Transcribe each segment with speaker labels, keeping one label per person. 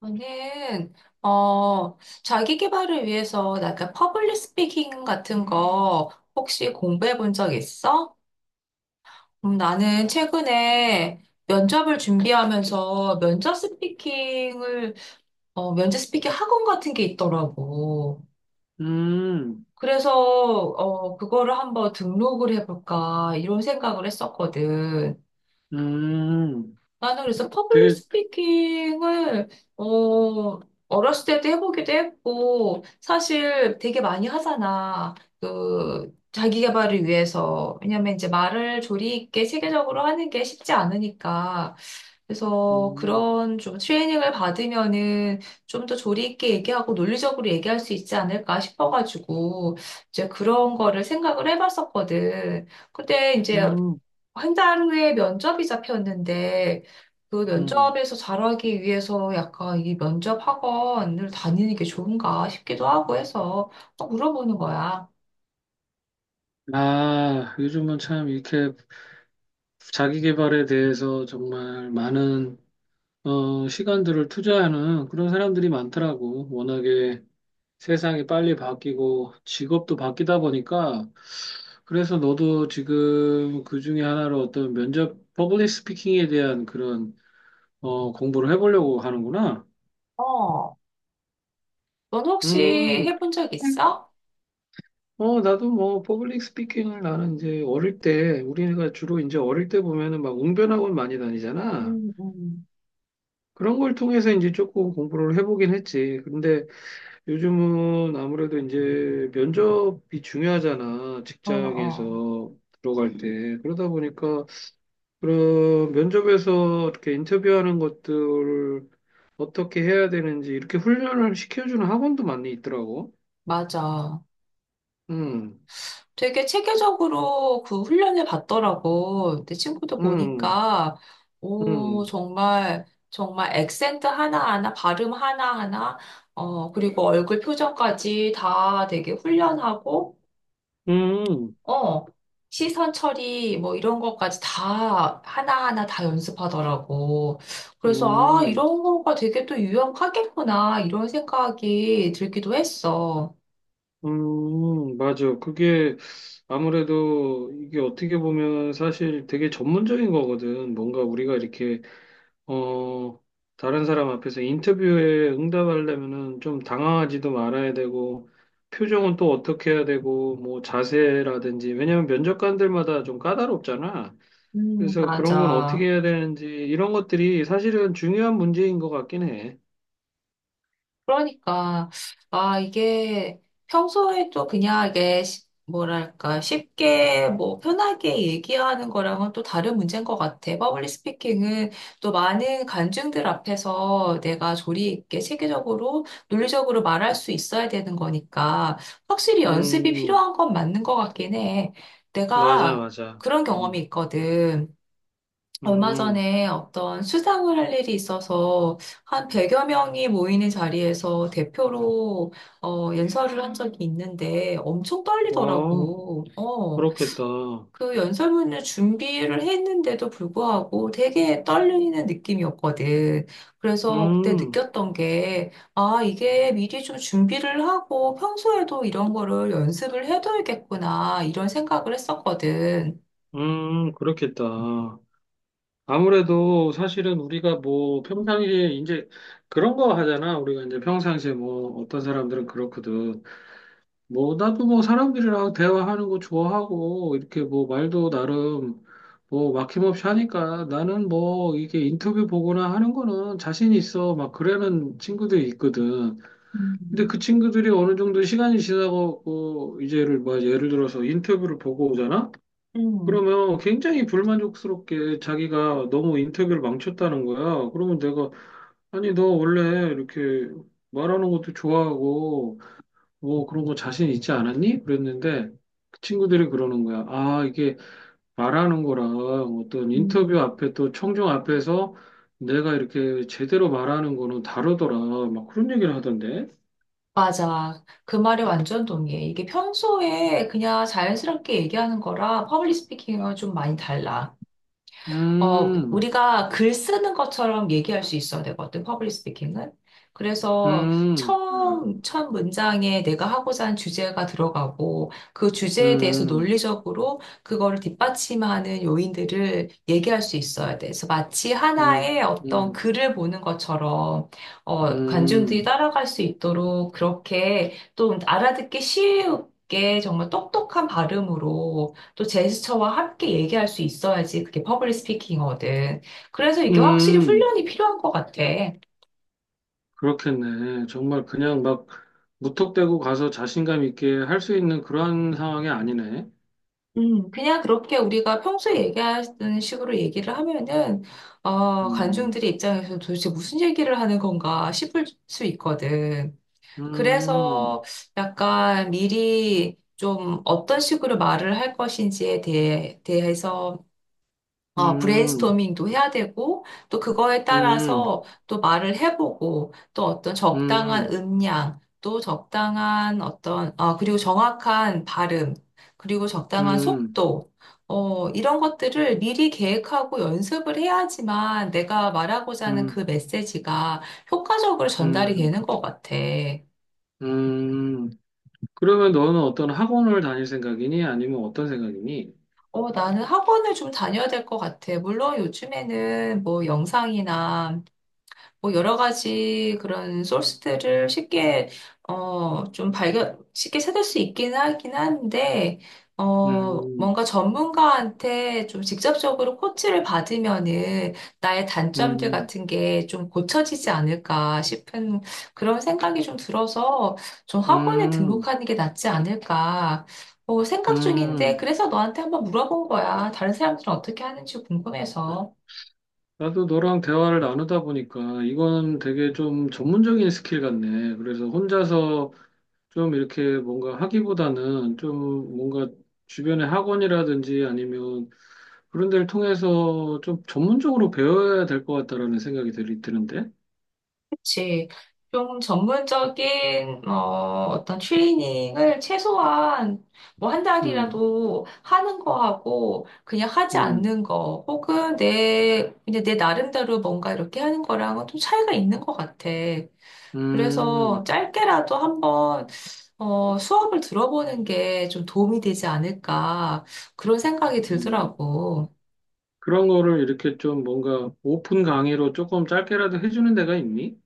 Speaker 1: 저는 어 자기 개발을 위해서 약간 퍼블릭 스피킹 같은 거 혹시 공부해 본 적 있어? 나는 최근에 면접을 준비하면서 면접 스피킹 학원 같은 게 있더라고.
Speaker 2: 음,
Speaker 1: 그래서 그거를 한번 등록을 해볼까 이런 생각을 했었거든.
Speaker 2: 음,
Speaker 1: 나는 그래서 퍼블릭
Speaker 2: 되게,
Speaker 1: 스피킹을, 어, 어렸을 때도 해보기도 했고, 사실 되게 많이 하잖아. 그, 자기 개발을 위해서. 왜냐면 이제 말을 조리 있게 체계적으로 하는 게 쉽지 않으니까. 그래서
Speaker 2: 음,
Speaker 1: 그런 좀 트레이닝을 받으면은 좀 더 조리 있게 얘기하고 논리적으로 얘기할 수 있지 않을까 싶어가지고, 이제 그런 거를 생각을 해봤었거든. 근데 이제
Speaker 2: 음,
Speaker 1: 한 달 후에 면접이 잡혔는데 그
Speaker 2: 음.
Speaker 1: 면접에서 잘하기 위해서 약간 이 면접 학원을 다니는 게 좋은가 싶기도 하고 해서 또 물어보는 거야.
Speaker 2: 아, 요즘은 참 이렇게 자기 개발에 대해서 정말 많은, 시간들을 투자하는 그런 사람들이 많더라고. 워낙에 세상이 빨리 바뀌고 직업도 바뀌다 보니까 그래서 너도 지금 그 중에 하나로 어떤 면접, 퍼블릭 스피킹에 대한 그런, 공부를 해보려고 하는구나.
Speaker 1: 어, 넌 혹시
Speaker 2: 음,
Speaker 1: 해본 적 있어?
Speaker 2: 나도 뭐, 퍼블릭 스피킹을 나는 이제 어릴 때, 우리가 주로 이제 어릴 때 보면은 막 웅변학원 많이 다니잖아.
Speaker 1: 음, 음.
Speaker 2: 그런 걸 통해서 이제 조금 공부를 해보긴 했지. 근데 요즘은 아무래도 이제 면접이 중요하잖아.
Speaker 1: 어, 어,
Speaker 2: 직장에서 들어갈 때. 그러다 보니까 그런 면접에서 이렇게 인터뷰하는 것들을 어떻게 해야 되는지 이렇게 훈련을 시켜주는 학원도 많이 있더라고.
Speaker 1: 맞아.
Speaker 2: 음,
Speaker 1: 되게 체계적으로 그 훈련을 받더라고. 내 친구도
Speaker 2: 음,
Speaker 1: 보니까, 오,
Speaker 2: 음,
Speaker 1: 정말, 정말 액센트 하나하나, 발음 하나하나, 그리고 얼굴 표정까지 다 되게 훈련하고,
Speaker 2: 음.
Speaker 1: 어, 시선 처리, 뭐 이런 것까지 다 하나하나 다 연습하더라고. 그래서, 아,
Speaker 2: 음,
Speaker 1: 이런 거가 되게 또 유용하겠구나, 이런 생각이 들기도 했어.
Speaker 2: 맞아. 그게 아무래도 이게 어떻게 보면 사실 되게 전문적인 거거든. 뭔가 우리가 이렇게, 어, 다른 사람 앞에서 인터뷰에 응답하려면은 좀 당황하지도 말아야 되고, 표정은 또 어떻게 해야 되고, 뭐 자세라든지, 왜냐면 면접관들마다 좀 까다롭잖아. 그래서 그런 건 어떻게
Speaker 1: 맞아.
Speaker 2: 해야 되는지, 이런 것들이 사실은 중요한 문제인 것 같긴 해.
Speaker 1: 그러니까, 아, 이게 평소에 또 그냥 이게 뭐랄까, 쉽게 뭐 편하게 얘기하는 거랑은 또 다른 문제인 것 같아. 퍼블릭 스피킹은 또 많은 관중들 앞에서 내가 조리 있게 체계적으로, 논리적으로 말할 수 있어야 되는 거니까 확실히 연습이
Speaker 2: 음,
Speaker 1: 필요한 건 맞는 것 같긴 해.
Speaker 2: 맞아,
Speaker 1: 내가
Speaker 2: 맞아.
Speaker 1: 그런 경험이
Speaker 2: 음,
Speaker 1: 있거든. 얼마
Speaker 2: 음.
Speaker 1: 전에 어떤 수상을 할 일이 있어서 한 100여 명이 모이는 자리에서 대표로 연설을 한 적이 있는데 엄청
Speaker 2: 와,
Speaker 1: 떨리더라고.
Speaker 2: 그렇겠다.
Speaker 1: 그 연설문을 준비를 했는데도 불구하고 되게 떨리는 느낌이었거든. 그래서 그때
Speaker 2: 음,
Speaker 1: 느꼈던 게, 아, 이게 미리 좀 준비를 하고 평소에도 이런 거를 연습을 해둬야겠구나, 이런 생각을 했었거든.
Speaker 2: 그렇겠다. 아무래도 사실은 우리가 뭐 평상시에 이제 그런 거 하잖아. 우리가 이제 평상시에 뭐 어떤 사람들은 그렇거든. 뭐 나도 뭐 사람들이랑 대화하는 거 좋아하고 이렇게 뭐 말도 나름 뭐 막힘없이 하니까 나는 뭐 이게 인터뷰 보거나 하는 거는 자신 있어. 막 그러는 친구들 있거든.
Speaker 1: 음,
Speaker 2: 근데 그 친구들이 어느 정도 시간이 지나고 그 이제를 뭐 예를 들어서 인터뷰를 보고 오잖아?
Speaker 1: 음.
Speaker 2: 그러면 굉장히 불만족스럽게 자기가 너무 인터뷰를 망쳤다는 거야. 그러면 내가 아니 너 원래 이렇게 말하는 것도 좋아하고 뭐 그런 거 자신 있지 않았니? 그랬는데 그 친구들이 그러는 거야. 아 이게 말하는 거랑 어떤
Speaker 1: 음.
Speaker 2: 인터뷰 앞에 또 청중 앞에서 내가 이렇게 제대로 말하는 거는 다르더라. 막 그런 얘기를 하던데.
Speaker 1: 맞아. 그 말이 완전 동의해. 이게 평소에 그냥 자연스럽게 얘기하는 거랑 퍼블릭 스피킹은 좀 많이 달라.
Speaker 2: 음.
Speaker 1: 우리가 글 쓰는 것처럼 얘기할 수 있어야 되거든, 퍼블릭 스피킹은. 그래서
Speaker 2: 음,
Speaker 1: 첫 문장에 내가 하고자 하는 주제가 들어가고, 그 주제에 대해서
Speaker 2: 음,
Speaker 1: 논리적으로 그거를 뒷받침하는 요인들을 얘기할 수 있어야 돼. 그래서 마치
Speaker 2: 음,
Speaker 1: 하나의 어떤
Speaker 2: 음,
Speaker 1: 글을 보는 것처럼, 관중들이
Speaker 2: 음,
Speaker 1: 따라갈 수 있도록 그렇게 또 알아듣기 쉬우게 정말 똑똑한 발음으로 또 제스처와 함께 얘기할 수 있어야지 그게 퍼블릭 스피킹이거든. 그래서 이게 확실히
Speaker 2: 음,
Speaker 1: 훈련이 필요한 것 같아.
Speaker 2: 그렇겠네. 정말 그냥 막 무턱대고 가서 자신감 있게 할 수 있는 그런 상황이 아니네.
Speaker 1: 그냥 그렇게 우리가 평소에 얘기하는 식으로 얘기를 하면은,
Speaker 2: 음,
Speaker 1: 관중들의 입장에서 도대체 무슨 얘기를 하는 건가 싶을 수 있거든.
Speaker 2: 음,
Speaker 1: 그래서 약간 미리 좀 어떤 식으로 말을 할 것인지에 대해서
Speaker 2: 음,
Speaker 1: 브레인스토밍도 해야 되고, 또 그거에
Speaker 2: 음,
Speaker 1: 따라서 또 말을 해보고, 또 어떤 적당한
Speaker 2: 음,
Speaker 1: 음량, 또 적당한 어떤, 그리고 정확한 발음, 그리고 적당한
Speaker 2: 음,
Speaker 1: 속도, 이런 것들을 미리 계획하고 연습을 해야지만 내가 말하고자 하는
Speaker 2: 음,
Speaker 1: 그 메시지가 효과적으로 전달이
Speaker 2: 음,
Speaker 1: 되는 것 같아.
Speaker 2: 음. 그러면 너는 어떤 학원을 다닐 생각이니? 아니면 어떤 생각이니?
Speaker 1: 나는 학원을 좀 다녀야 될 것 같아. 물론 요즘에는 뭐 영상이나 뭐 여러 가지 그런 소스들을 쉽게 어 좀 발견 쉽게 찾을 수 있긴 하긴 한데
Speaker 2: 음,
Speaker 1: 뭔가 전문가한테 좀 직접적으로 코치를 받으면은 나의 단점들
Speaker 2: 음,
Speaker 1: 같은 게 좀 고쳐지지 않을까 싶은 그런 생각이 좀 들어서 좀 학원에
Speaker 2: 음,
Speaker 1: 등록하는 게 낫지 않을까 생각 중인데
Speaker 2: 음,
Speaker 1: 그래서 너한테 한번 물어본 거야. 다른 사람들은 어떻게 하는지 궁금해서.
Speaker 2: 나도 너랑 대화를 나누다 보니까 이건 되게 좀 전문적인 스킬 같네. 그래서 혼자서 좀 이렇게 뭔가 하기보다는 좀 뭔가 주변의 학원이라든지 아니면 그런 데를 통해서 좀 전문적으로 배워야 될 것 같다라는 생각이 드는데.
Speaker 1: 그치. 좀 전문적인 어, 어떤 트레이닝을 최소한 뭐 한
Speaker 2: 음,
Speaker 1: 달이라도 하는 거하고 그냥 하지
Speaker 2: 음,
Speaker 1: 않는 거 혹은 내 이제 내 나름대로 뭔가 이렇게 하는 거랑은 좀 차이가 있는 것 같아. 그래서
Speaker 2: 음,
Speaker 1: 짧게라도 한번 수업을 들어보는 게 좀 도움이 되지 않을까 그런 생각이
Speaker 2: 음.
Speaker 1: 들더라고.
Speaker 2: 그런 거를 이렇게 좀 뭔가 오픈 강의로 조금 짧게라도 해주는 데가 있니?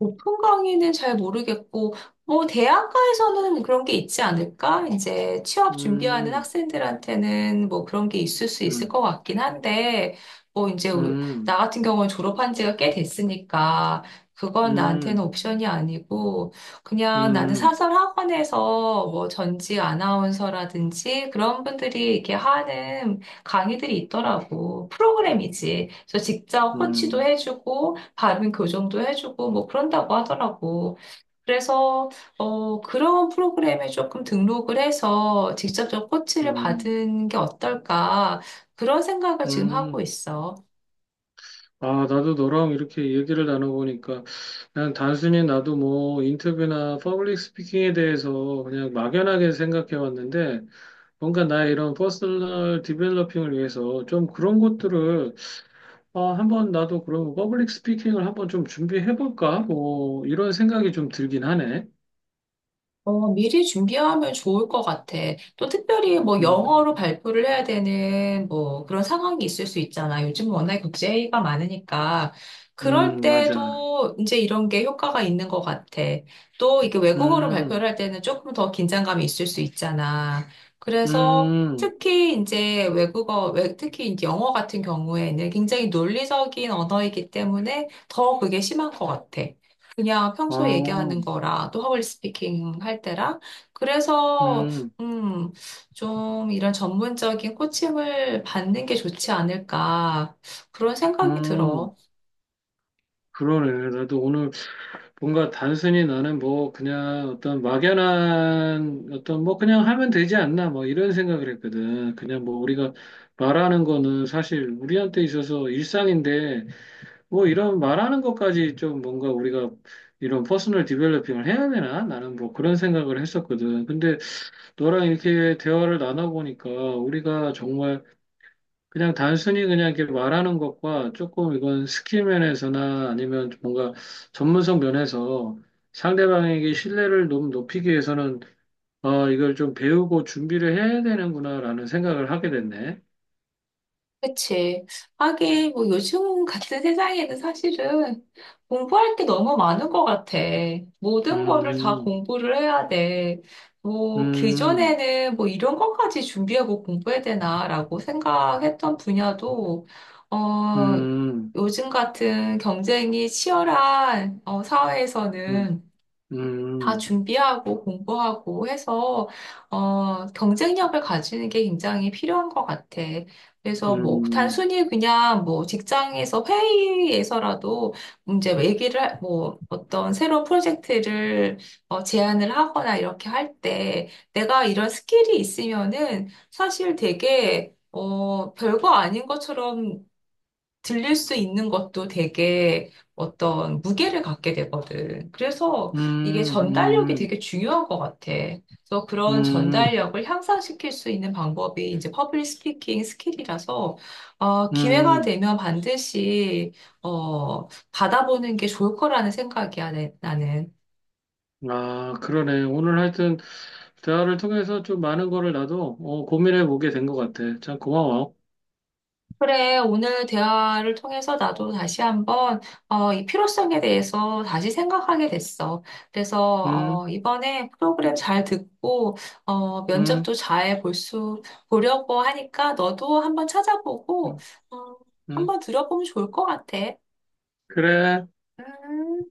Speaker 1: 오픈 강의는 잘 모르겠고, 뭐, 대학가에서는 그런 게 있지 않을까? 이제 취업 준비하는
Speaker 2: 음,
Speaker 1: 학생들한테는 뭐 그런 게 있을 수 있을 것
Speaker 2: 음,
Speaker 1: 같긴 한데, 뭐, 이제, 우 나
Speaker 2: 음,
Speaker 1: 같은 경우는 졸업한 지가 꽤 됐으니까, 그건 나한테는
Speaker 2: 음,
Speaker 1: 옵션이 아니고, 그냥 나는
Speaker 2: 음,
Speaker 1: 사설 학원에서 뭐 전직 아나운서라든지 그런 분들이 이렇게 하는 강의들이 있더라고. 프로그램이지. 그래서 직접 코치도
Speaker 2: 음.
Speaker 1: 해주고, 발음 교정도 해주고, 뭐 그런다고 하더라고. 그래서, 그런 프로그램에 조금 등록을 해서 직접적 코치를
Speaker 2: 음,
Speaker 1: 받은 게 어떨까. 그런 생각을 지금 하고
Speaker 2: 음.
Speaker 1: 있어.
Speaker 2: 아, 나도 너랑 이렇게 얘기를 나눠보니까 난 단순히 나도 뭐 인터뷰나 퍼블릭 스피킹에 대해서 그냥 막연하게 생각해왔는데 뭔가 나의 이런 퍼스널 디벨로핑을 위해서 좀 그런 것들을 아, 한번 나도 그럼 퍼블릭 스피킹을 한번 좀 준비해볼까? 뭐 이런 생각이 좀 들긴 하네.
Speaker 1: 미리 준비하면 좋을 것 같아. 또 특별히 뭐
Speaker 2: 음,
Speaker 1: 영어로 발표를 해야 되는 뭐 그런 상황이 있을 수 있잖아. 요즘 워낙에 국제회의가 많으니까. 그럴
Speaker 2: 맞아.
Speaker 1: 때도 이제 이런 게 효과가 있는 것 같아. 또 이게 외국어로
Speaker 2: 음,
Speaker 1: 발표를 할 때는 조금 더 긴장감이 있을 수 있잖아. 그래서
Speaker 2: 음,
Speaker 1: 특히 이제 외국어, 특히 이제 영어 같은 경우에는 굉장히 논리적인 언어이기 때문에 더 그게 심한 것 같아. 그냥
Speaker 2: 아,
Speaker 1: 평소에 얘기하는 거라 또 허블리 스피킹 할 때라 그래서
Speaker 2: 음,
Speaker 1: 음, 좀 이런 전문적인 코칭을 받는 게 좋지 않을까 그런 생각이
Speaker 2: 음.
Speaker 1: 들어.
Speaker 2: 그러네. 나도 오늘 뭔가 단순히 나는 뭐 그냥 어떤 막연한 어떤 뭐 그냥 하면 되지 않나 뭐 이런 생각을 했거든. 그냥 뭐 우리가 말하는 거는 사실 우리한테 있어서 일상인데 뭐 이런 말하는 것까지 좀 뭔가 우리가 이런 퍼스널 디벨로핑을 해야 되나? 나는 뭐 그런 생각을 했었거든. 근데 너랑 이렇게 대화를 나눠보니까 우리가 정말 그냥 단순히 그냥 이렇게 말하는 것과 조금 이건 스킬 면에서나 아니면 뭔가 전문성 면에서 상대방에게 신뢰를 좀 높이기 위해서는 이걸 좀 배우고 준비를 해야 되는구나라는 생각을 하게 됐네.
Speaker 1: 그치. 하긴, 뭐, 요즘 같은 세상에는 사실은 공부할 게 너무 많은 것 같아. 모든 거를 다
Speaker 2: 음,
Speaker 1: 공부를 해야 돼. 뭐,
Speaker 2: 음,
Speaker 1: 그전에는 뭐, 이런 것까지 준비하고 공부해야 되나라고 생각했던 분야도, 어,
Speaker 2: 음,
Speaker 1: 요즘 같은 경쟁이 치열한,
Speaker 2: 음,
Speaker 1: 사회에서는 다
Speaker 2: 음,
Speaker 1: 준비하고 공부하고 해서 경쟁력을 가지는 게 굉장히 필요한 것 같아. 그래서 뭐
Speaker 2: 음,
Speaker 1: 단순히 그냥 뭐 직장에서 회의에서라도 이제 뭐 어떤 새로운 프로젝트를 제안을 하거나 이렇게 할 때 내가 이런 스킬이 있으면은 사실 되게 별거 아닌 것처럼 들릴 수 있는 것도 되게 어떤 무게를 갖게 되거든. 그래서 이게 전달력이
Speaker 2: 음, 음,
Speaker 1: 되게 중요한 것 같아. 그래서 그런
Speaker 2: 음,
Speaker 1: 전달력을 향상시킬 수 있는 방법이 이제 퍼블릭 스피킹 스킬이라서 기회가
Speaker 2: 음.
Speaker 1: 되면 반드시 받아보는 게 좋을 거라는 생각이야, 나는.
Speaker 2: 아, 그러네. 오늘 하여튼 대화를 통해서 좀 많은 거를 나도 고민해 보게 된 것 같아. 참 고마워.
Speaker 1: 그래, 오늘 대화를 통해서 나도 다시 한번, 이 필요성에 대해서 다시 생각하게 됐어. 그래서,
Speaker 2: 음,
Speaker 1: 이번에 프로그램 잘 듣고,
Speaker 2: 음,
Speaker 1: 면접도 잘 볼 수, 보려고 하니까 너도 한번 찾아보고,
Speaker 2: 음,
Speaker 1: 어,
Speaker 2: 음.
Speaker 1: 한번 들어보면 좋을 것 같아.
Speaker 2: 그래.
Speaker 1: 음.